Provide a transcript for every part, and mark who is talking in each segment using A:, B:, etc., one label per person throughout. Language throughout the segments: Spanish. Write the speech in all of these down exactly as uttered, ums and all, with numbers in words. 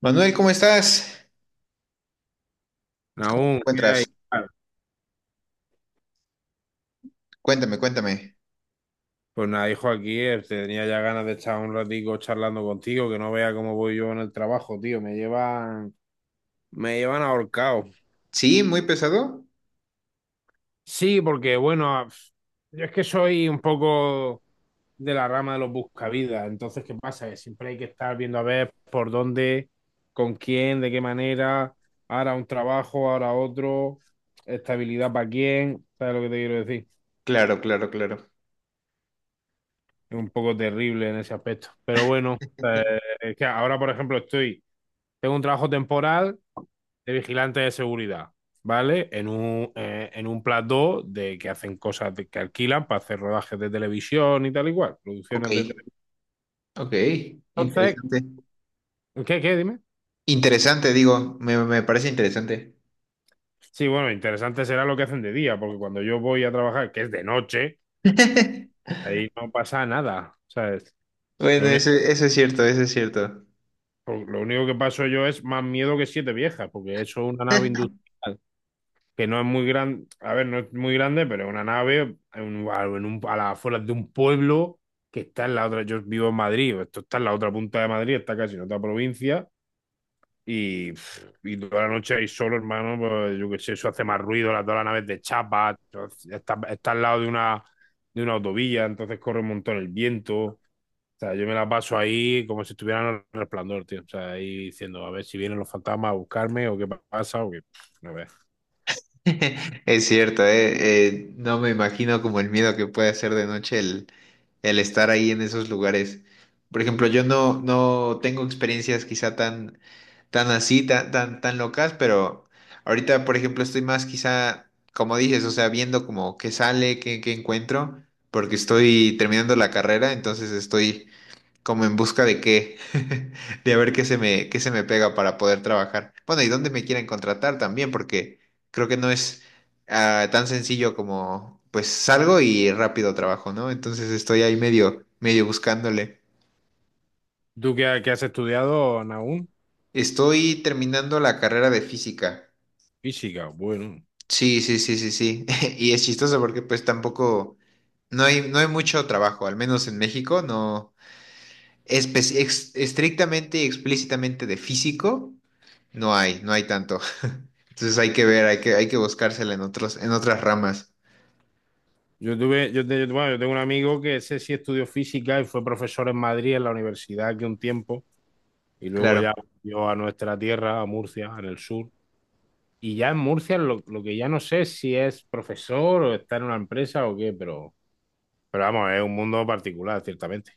A: Manuel, ¿cómo estás? ¿Cómo te
B: Nahum, ¿qué hay?
A: encuentras? Cuéntame, cuéntame.
B: Pues nada, hijo, aquí eh, tenía ya ganas de estar un ratico charlando contigo, que no vea cómo voy yo en el trabajo, tío. Me llevan, me llevan ahorcado.
A: ¿Sí? ¿Muy pesado?
B: Sí, porque bueno, a- yo es que soy un poco de la rama de los buscavidas. Entonces, ¿qué pasa? Que siempre hay que estar viendo a ver por dónde, con quién, de qué manera, ahora un trabajo, ahora otro, estabilidad para quién, ¿sabes lo que te quiero decir?
A: Claro, claro, claro.
B: Un poco terrible en ese aspecto. Pero bueno, eh, es que ahora, por ejemplo, estoy, tengo un trabajo temporal de vigilante de seguridad, ¿vale? En un, eh, en un plató de que hacen cosas de- que alquilan para hacer rodajes de televisión y tal y cual,
A: Ok,
B: producciones de tele-
A: ok.
B: entonces,
A: Interesante.
B: ¿qué, qué? Dime.
A: Interesante, digo, me, me parece interesante.
B: Sí, bueno, interesante será lo que hacen de día, porque cuando yo voy a trabajar, que es de noche, ahí no pasa nada, ¿sabes?
A: Bueno,
B: Lo único,
A: eso, eso es cierto, eso es cierto.
B: lo único que paso yo es más miedo que siete viejas, porque eso es una nave industrial, que no es muy grande. A ver, no es muy grande, pero es una nave en un- a, en un- a las afueras de un pueblo que está en la otra... Yo vivo en Madrid, esto está en la otra punta de Madrid, está casi en otra provincia, y, pff, y toda la noche ahí solo, hermano, pues yo qué sé, eso hace más ruido, las, todas las naves de chapa, entonces, está, está al lado de una, de una autovía, entonces corre un montón el viento, o sea, yo me la paso ahí como si estuviera en el resplandor, tío, o sea, ahí diciendo, a ver si vienen los fantasmas a buscarme o qué pasa, o qué, no veas.
A: Es cierto, eh, eh, no me imagino como el miedo que puede hacer de noche el, el estar ahí en esos lugares. Por ejemplo, yo no, no tengo experiencias quizá tan, tan así, tan, tan, tan locas, pero ahorita, por ejemplo, estoy más quizá, como dices, o sea, viendo como qué sale, qué, qué encuentro, porque estoy terminando la carrera, entonces estoy como en busca de qué, de a ver qué se me, qué se me pega para poder trabajar. Bueno, y dónde me quieren contratar también, porque creo que no es ah, tan sencillo como pues salgo y rápido trabajo, ¿no? Entonces estoy ahí medio, medio buscándole.
B: ¿Tú qué, ha- qué has estudiado, Nahum?
A: Estoy terminando la carrera de física.
B: Física, bueno.
A: Sí, sí, sí, sí, sí. Y es chistoso porque pues tampoco, no hay, no hay mucho trabajo, al menos en México, no espe- ex- estrictamente y explícitamente de físico. No hay, no hay tanto. Entonces hay que ver, hay que, hay que buscársela en otros, en otras ramas.
B: Yo tuve, yo, te- bueno, yo tengo un amigo que ese sí estudió física y fue profesor en Madrid, en la universidad, aquí un tiempo, y luego
A: Claro.
B: ya volvió a nuestra tierra, a Murcia, en el sur. Y ya en Murcia lo, lo que ya no sé es si es profesor o está en una empresa o qué, pero, pero vamos, es un mundo particular, ciertamente.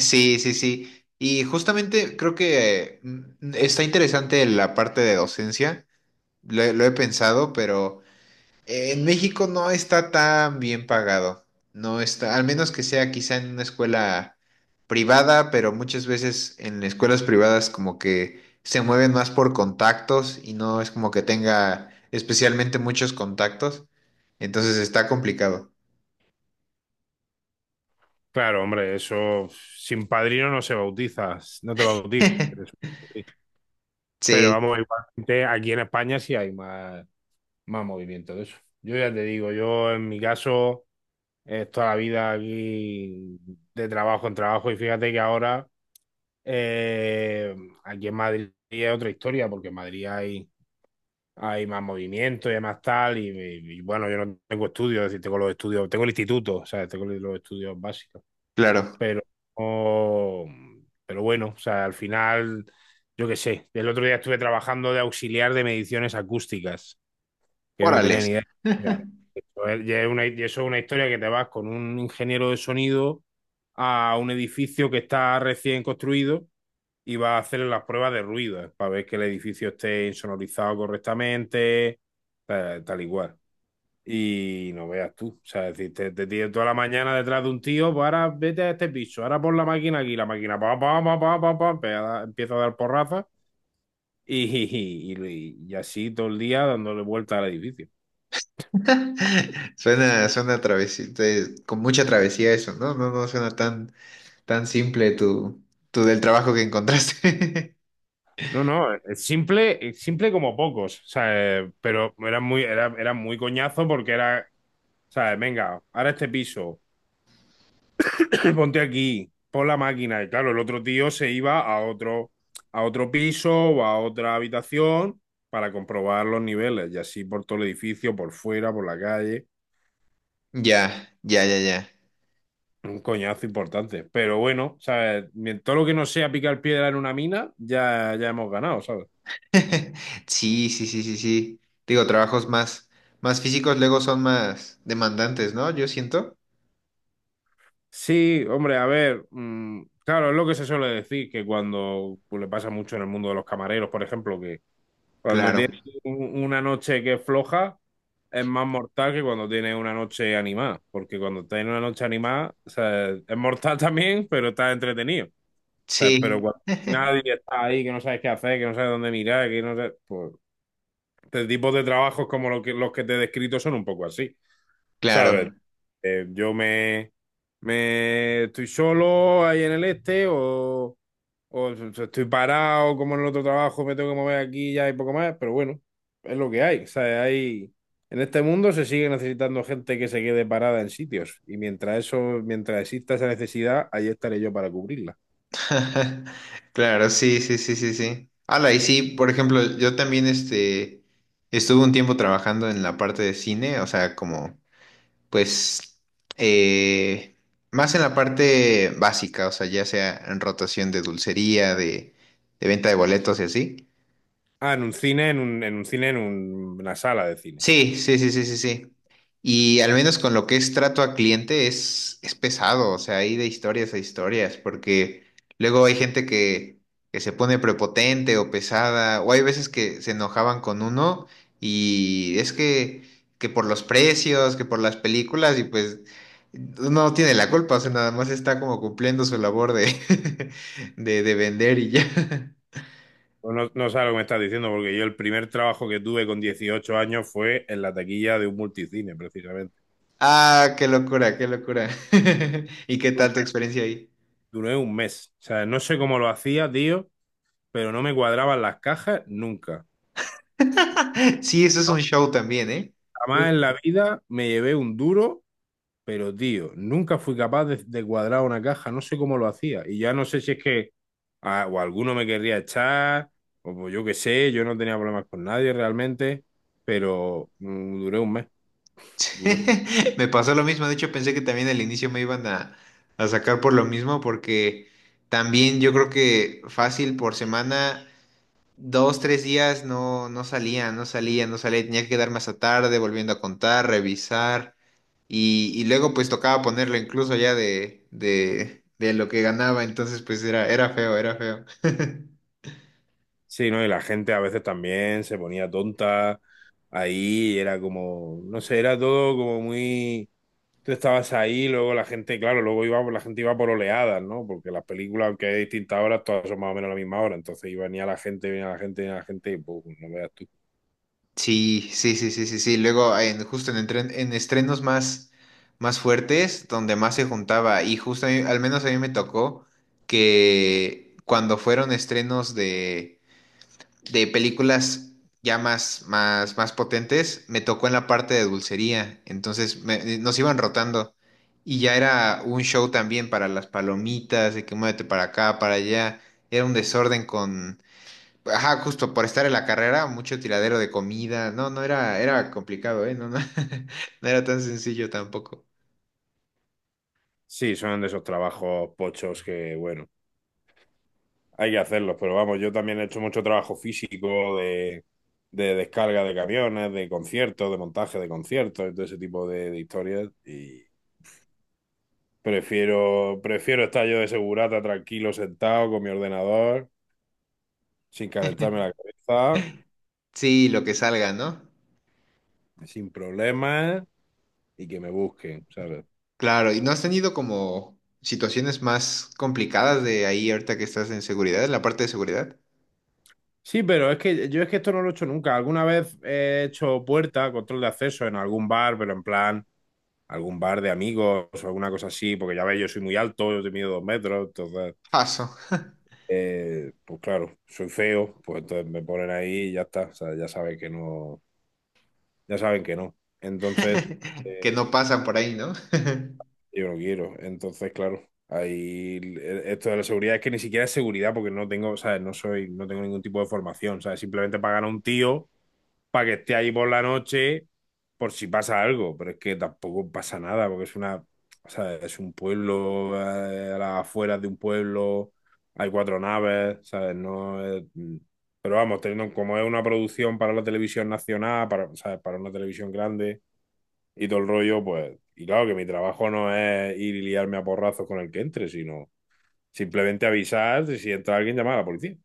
A: Sí, sí, sí. Y justamente creo que mm, está interesante la parte de docencia. Lo, he lo he pensado, pero en México no está tan bien pagado. No está, al menos que sea quizá en una escuela privada, pero muchas veces en escuelas privadas como que se mueven más por contactos y no es como que tenga especialmente muchos contactos. Entonces está complicado.
B: Claro, hombre, eso sin padrino no se bautiza, no te bautizas. Pero
A: Sí,
B: vamos, igualmente aquí en España sí hay más. Más movimiento de eso. Yo ya te digo, yo en mi caso es toda la vida aquí de trabajo en trabajo, y fíjate que ahora eh, aquí en Madrid es otra historia porque en Madrid hay, hay más movimiento y hay más tal y, y- bueno, yo no tengo estudios, es decir, tengo los estudios, tengo el instituto, o sea, tengo los estudios básicos,
A: claro.
B: pero, oh, pero bueno, o sea, al final, yo qué sé, el otro día estuve trabajando de auxiliar de mediciones acústicas que yo no tenía
A: Órales.
B: ni idea. Ya. Eso es, ya es una, y eso es una historia que te vas con un ingeniero de sonido a un edificio que está recién construido y vas a hacer las pruebas de ruido para ver que el edificio esté insonorizado correctamente, tal, tal y cual. Y no veas tú, o sea, es decir, te, te tienes toda la mañana detrás de un tío, pues ahora vete a este piso, ahora pon la máquina aquí, la máquina pa, pa, pa, pa, pa, pa, empe- a dar- empieza a dar porrazas y, y, y- y así todo el día dándole vuelta al edificio.
A: Suena, suena travesía, con mucha travesía eso, ¿no? No, no suena tan, tan simple tu, tu del trabajo que encontraste.
B: No, no, es simple, es simple como pocos, o sea, eh, pero era muy, era, era muy coñazo porque era, ¿sabes? Venga, ahora este piso, ponte aquí, pon la máquina. Y claro, el otro tío se iba a otro, a otro piso o a otra habitación para comprobar los niveles. Y así por todo el edificio, por fuera, por la calle.
A: Ya, ya, ya, ya.
B: Un coñazo importante. Pero bueno, ¿sabes? Mien- Todo lo que no sea picar piedra en una mina, ya, ya hemos ganado, ¿sabes?
A: Sí, sí, sí, sí, sí. Digo, trabajos más, más físicos luego son más demandantes, ¿no? Yo siento.
B: Sí, hombre, a ver, mm, claro, es lo que se suele decir, que cuando pues, le pasa mucho en el mundo de los camareros, por ejemplo, que cuando
A: Claro.
B: tienes un- una noche que es floja, es más mortal que cuando tienes una noche animada, porque cuando tienes una noche animada, o sea, es mortal también, pero estás entretenido. O sea, pero
A: Sí,
B: cuando nadie está ahí, que no sabes qué hacer, que no sabes dónde mirar, que no sabes, pues, este tipo de trabajos como lo que- los que te he descrito son un poco así. ¿Sabes?
A: claro.
B: Eh, yo me, me estoy solo ahí en el este o, o so, so estoy parado como en el otro trabajo, me tengo que mover aquí ya y poco más, pero bueno, es lo que hay. O sea, hay, en este mundo se sigue necesitando gente que se quede parada en sitios y mientras eso, mientras exista esa necesidad, ahí estaré yo para cubrirla.
A: Claro, sí, sí, sí, sí, sí. Ala, y sí, por ejemplo, yo también este estuve un tiempo trabajando en la parte de cine, o sea, como, pues, eh, más en la parte básica, o sea, ya sea en rotación de dulcería, de, de venta de boletos y así.
B: Ah, en un cine, en un, en un cine, en un- una sala de cine.
A: Sí, sí, sí, sí, sí, sí. Y al menos con lo que es trato a cliente es, es pesado, o sea, hay de historias a historias, porque luego hay gente que, que se pone prepotente o pesada, o hay veces que se enojaban con uno y es que, que por los precios, que por las películas, y pues uno no tiene la culpa, o sea, nada más está como cumpliendo su labor de, de, de vender y ya.
B: Pues no, no sabes lo que me estás diciendo, porque yo el primer trabajo que tuve con dieciocho años fue en la taquilla de un multicine, precisamente.
A: Ah, qué locura, qué locura. ¿Y qué tal tu experiencia ahí?
B: Duré un mes. O sea, no sé cómo lo hacía, tío, pero no me cuadraban las cajas nunca.
A: Sí, eso es un show también, ¿eh?
B: Jamás en
A: Justo.
B: la vida me llevé un duro, pero tío, nunca fui capaz de, de cuadrar una caja, no sé cómo lo hacía. Y ya no sé si es que ah, o alguno me querría echar, o pues yo qué sé, yo no tenía problemas con nadie realmente, pero mm, duré un mes. duré-
A: Me pasó lo mismo, de hecho pensé que también al inicio me iban a, a sacar por lo mismo, porque también yo creo que fácil por semana, dos, tres días no, no salía, no salía, no salía, tenía que quedarme hasta tarde volviendo a contar, revisar, y, y luego pues tocaba ponerlo incluso ya de, de, de lo que ganaba, entonces pues era, era feo, era feo.
B: Sí, ¿no? Y la gente a veces también se ponía tonta ahí, y era como, no sé, era todo como muy... Tú estabas ahí, luego la gente, claro, luego iba, la gente iba por oleadas, ¿no? Porque las películas, aunque hay distintas horas, todas son más o menos a la misma hora. Entonces iba venía la gente, venía la gente, venía la gente, y pues, no veas tú.
A: Sí, sí, sí, sí, sí, sí. Luego, en, justo en, entren- en estrenos más, más fuertes, donde más se juntaba, y justo a mí- al menos a mí me tocó que cuando fueron estrenos de, de películas ya más, más, más potentes, me tocó en la parte de dulcería. Entonces me- eh, nos iban rotando. Y ya era un show también para las palomitas, de que muévete para acá, para allá. Era un desorden. Ajá, justo por estar en la carrera, mucho tiradero de comida. No, no era, era complicado, ¿eh? No, no, no era tan sencillo tampoco.
B: Sí, son de esos trabajos pochos que, bueno, hay que hacerlos, pero vamos, yo también he hecho mucho trabajo físico de, de descarga de camiones, de conciertos, de montaje de conciertos, y todo ese tipo de, de historias. Y prefiero, prefiero estar yo de segurata, tranquilo, sentado con mi ordenador, sin calentarme la cabeza,
A: Sí, lo que salga, ¿no?
B: sin problemas, y que me busquen, ¿sabes?
A: Claro, ¿y no has tenido como situaciones más complicadas de ahí ahorita que estás en seguridad, en la parte de seguridad?
B: Sí, pero es que yo es que esto no lo he hecho nunca. Alguna vez he hecho puerta, control de acceso en algún bar, pero en plan, algún bar de amigos o alguna cosa así, porque ya veis, yo soy muy alto, yo te mido dos metros, entonces,
A: Paso,
B: eh, pues claro, soy feo, pues entonces me ponen ahí y ya está. O sea, ya saben que no, ya saben que no. Entonces,
A: que
B: eh,
A: no pasan por ahí, ¿no?
B: yo no quiero. Entonces, claro, ahí esto de la seguridad es que ni siquiera es seguridad porque no tengo, ¿sabes? No soy, no tengo ningún tipo de formación, ¿sabes? Simplemente pagan a un tío para que esté ahí por la noche por si pasa algo, pero es que tampoco pasa nada porque es una, o sea, es un pueblo, eh, a las afueras de un pueblo, hay cuatro naves, ¿sabes? No es... Pero vamos, teniendo como es una producción para la televisión nacional, para, ¿sabes? Para una televisión grande y todo el rollo, pues, y claro que mi trabajo no es ir y liarme a porrazos con el que entre, sino simplemente avisar y si entra alguien, llamar a la policía.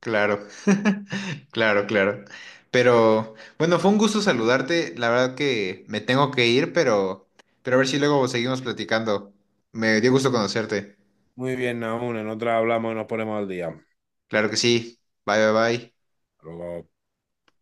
A: Claro, claro, claro. Pero bueno, fue un gusto saludarte. La verdad que me tengo que ir, pero, pero a ver si luego seguimos platicando. Me dio gusto conocerte.
B: Muy bien, Naún, en otra hablamos y nos ponemos al día.
A: Claro que sí. Bye, bye, bye.
B: Luego.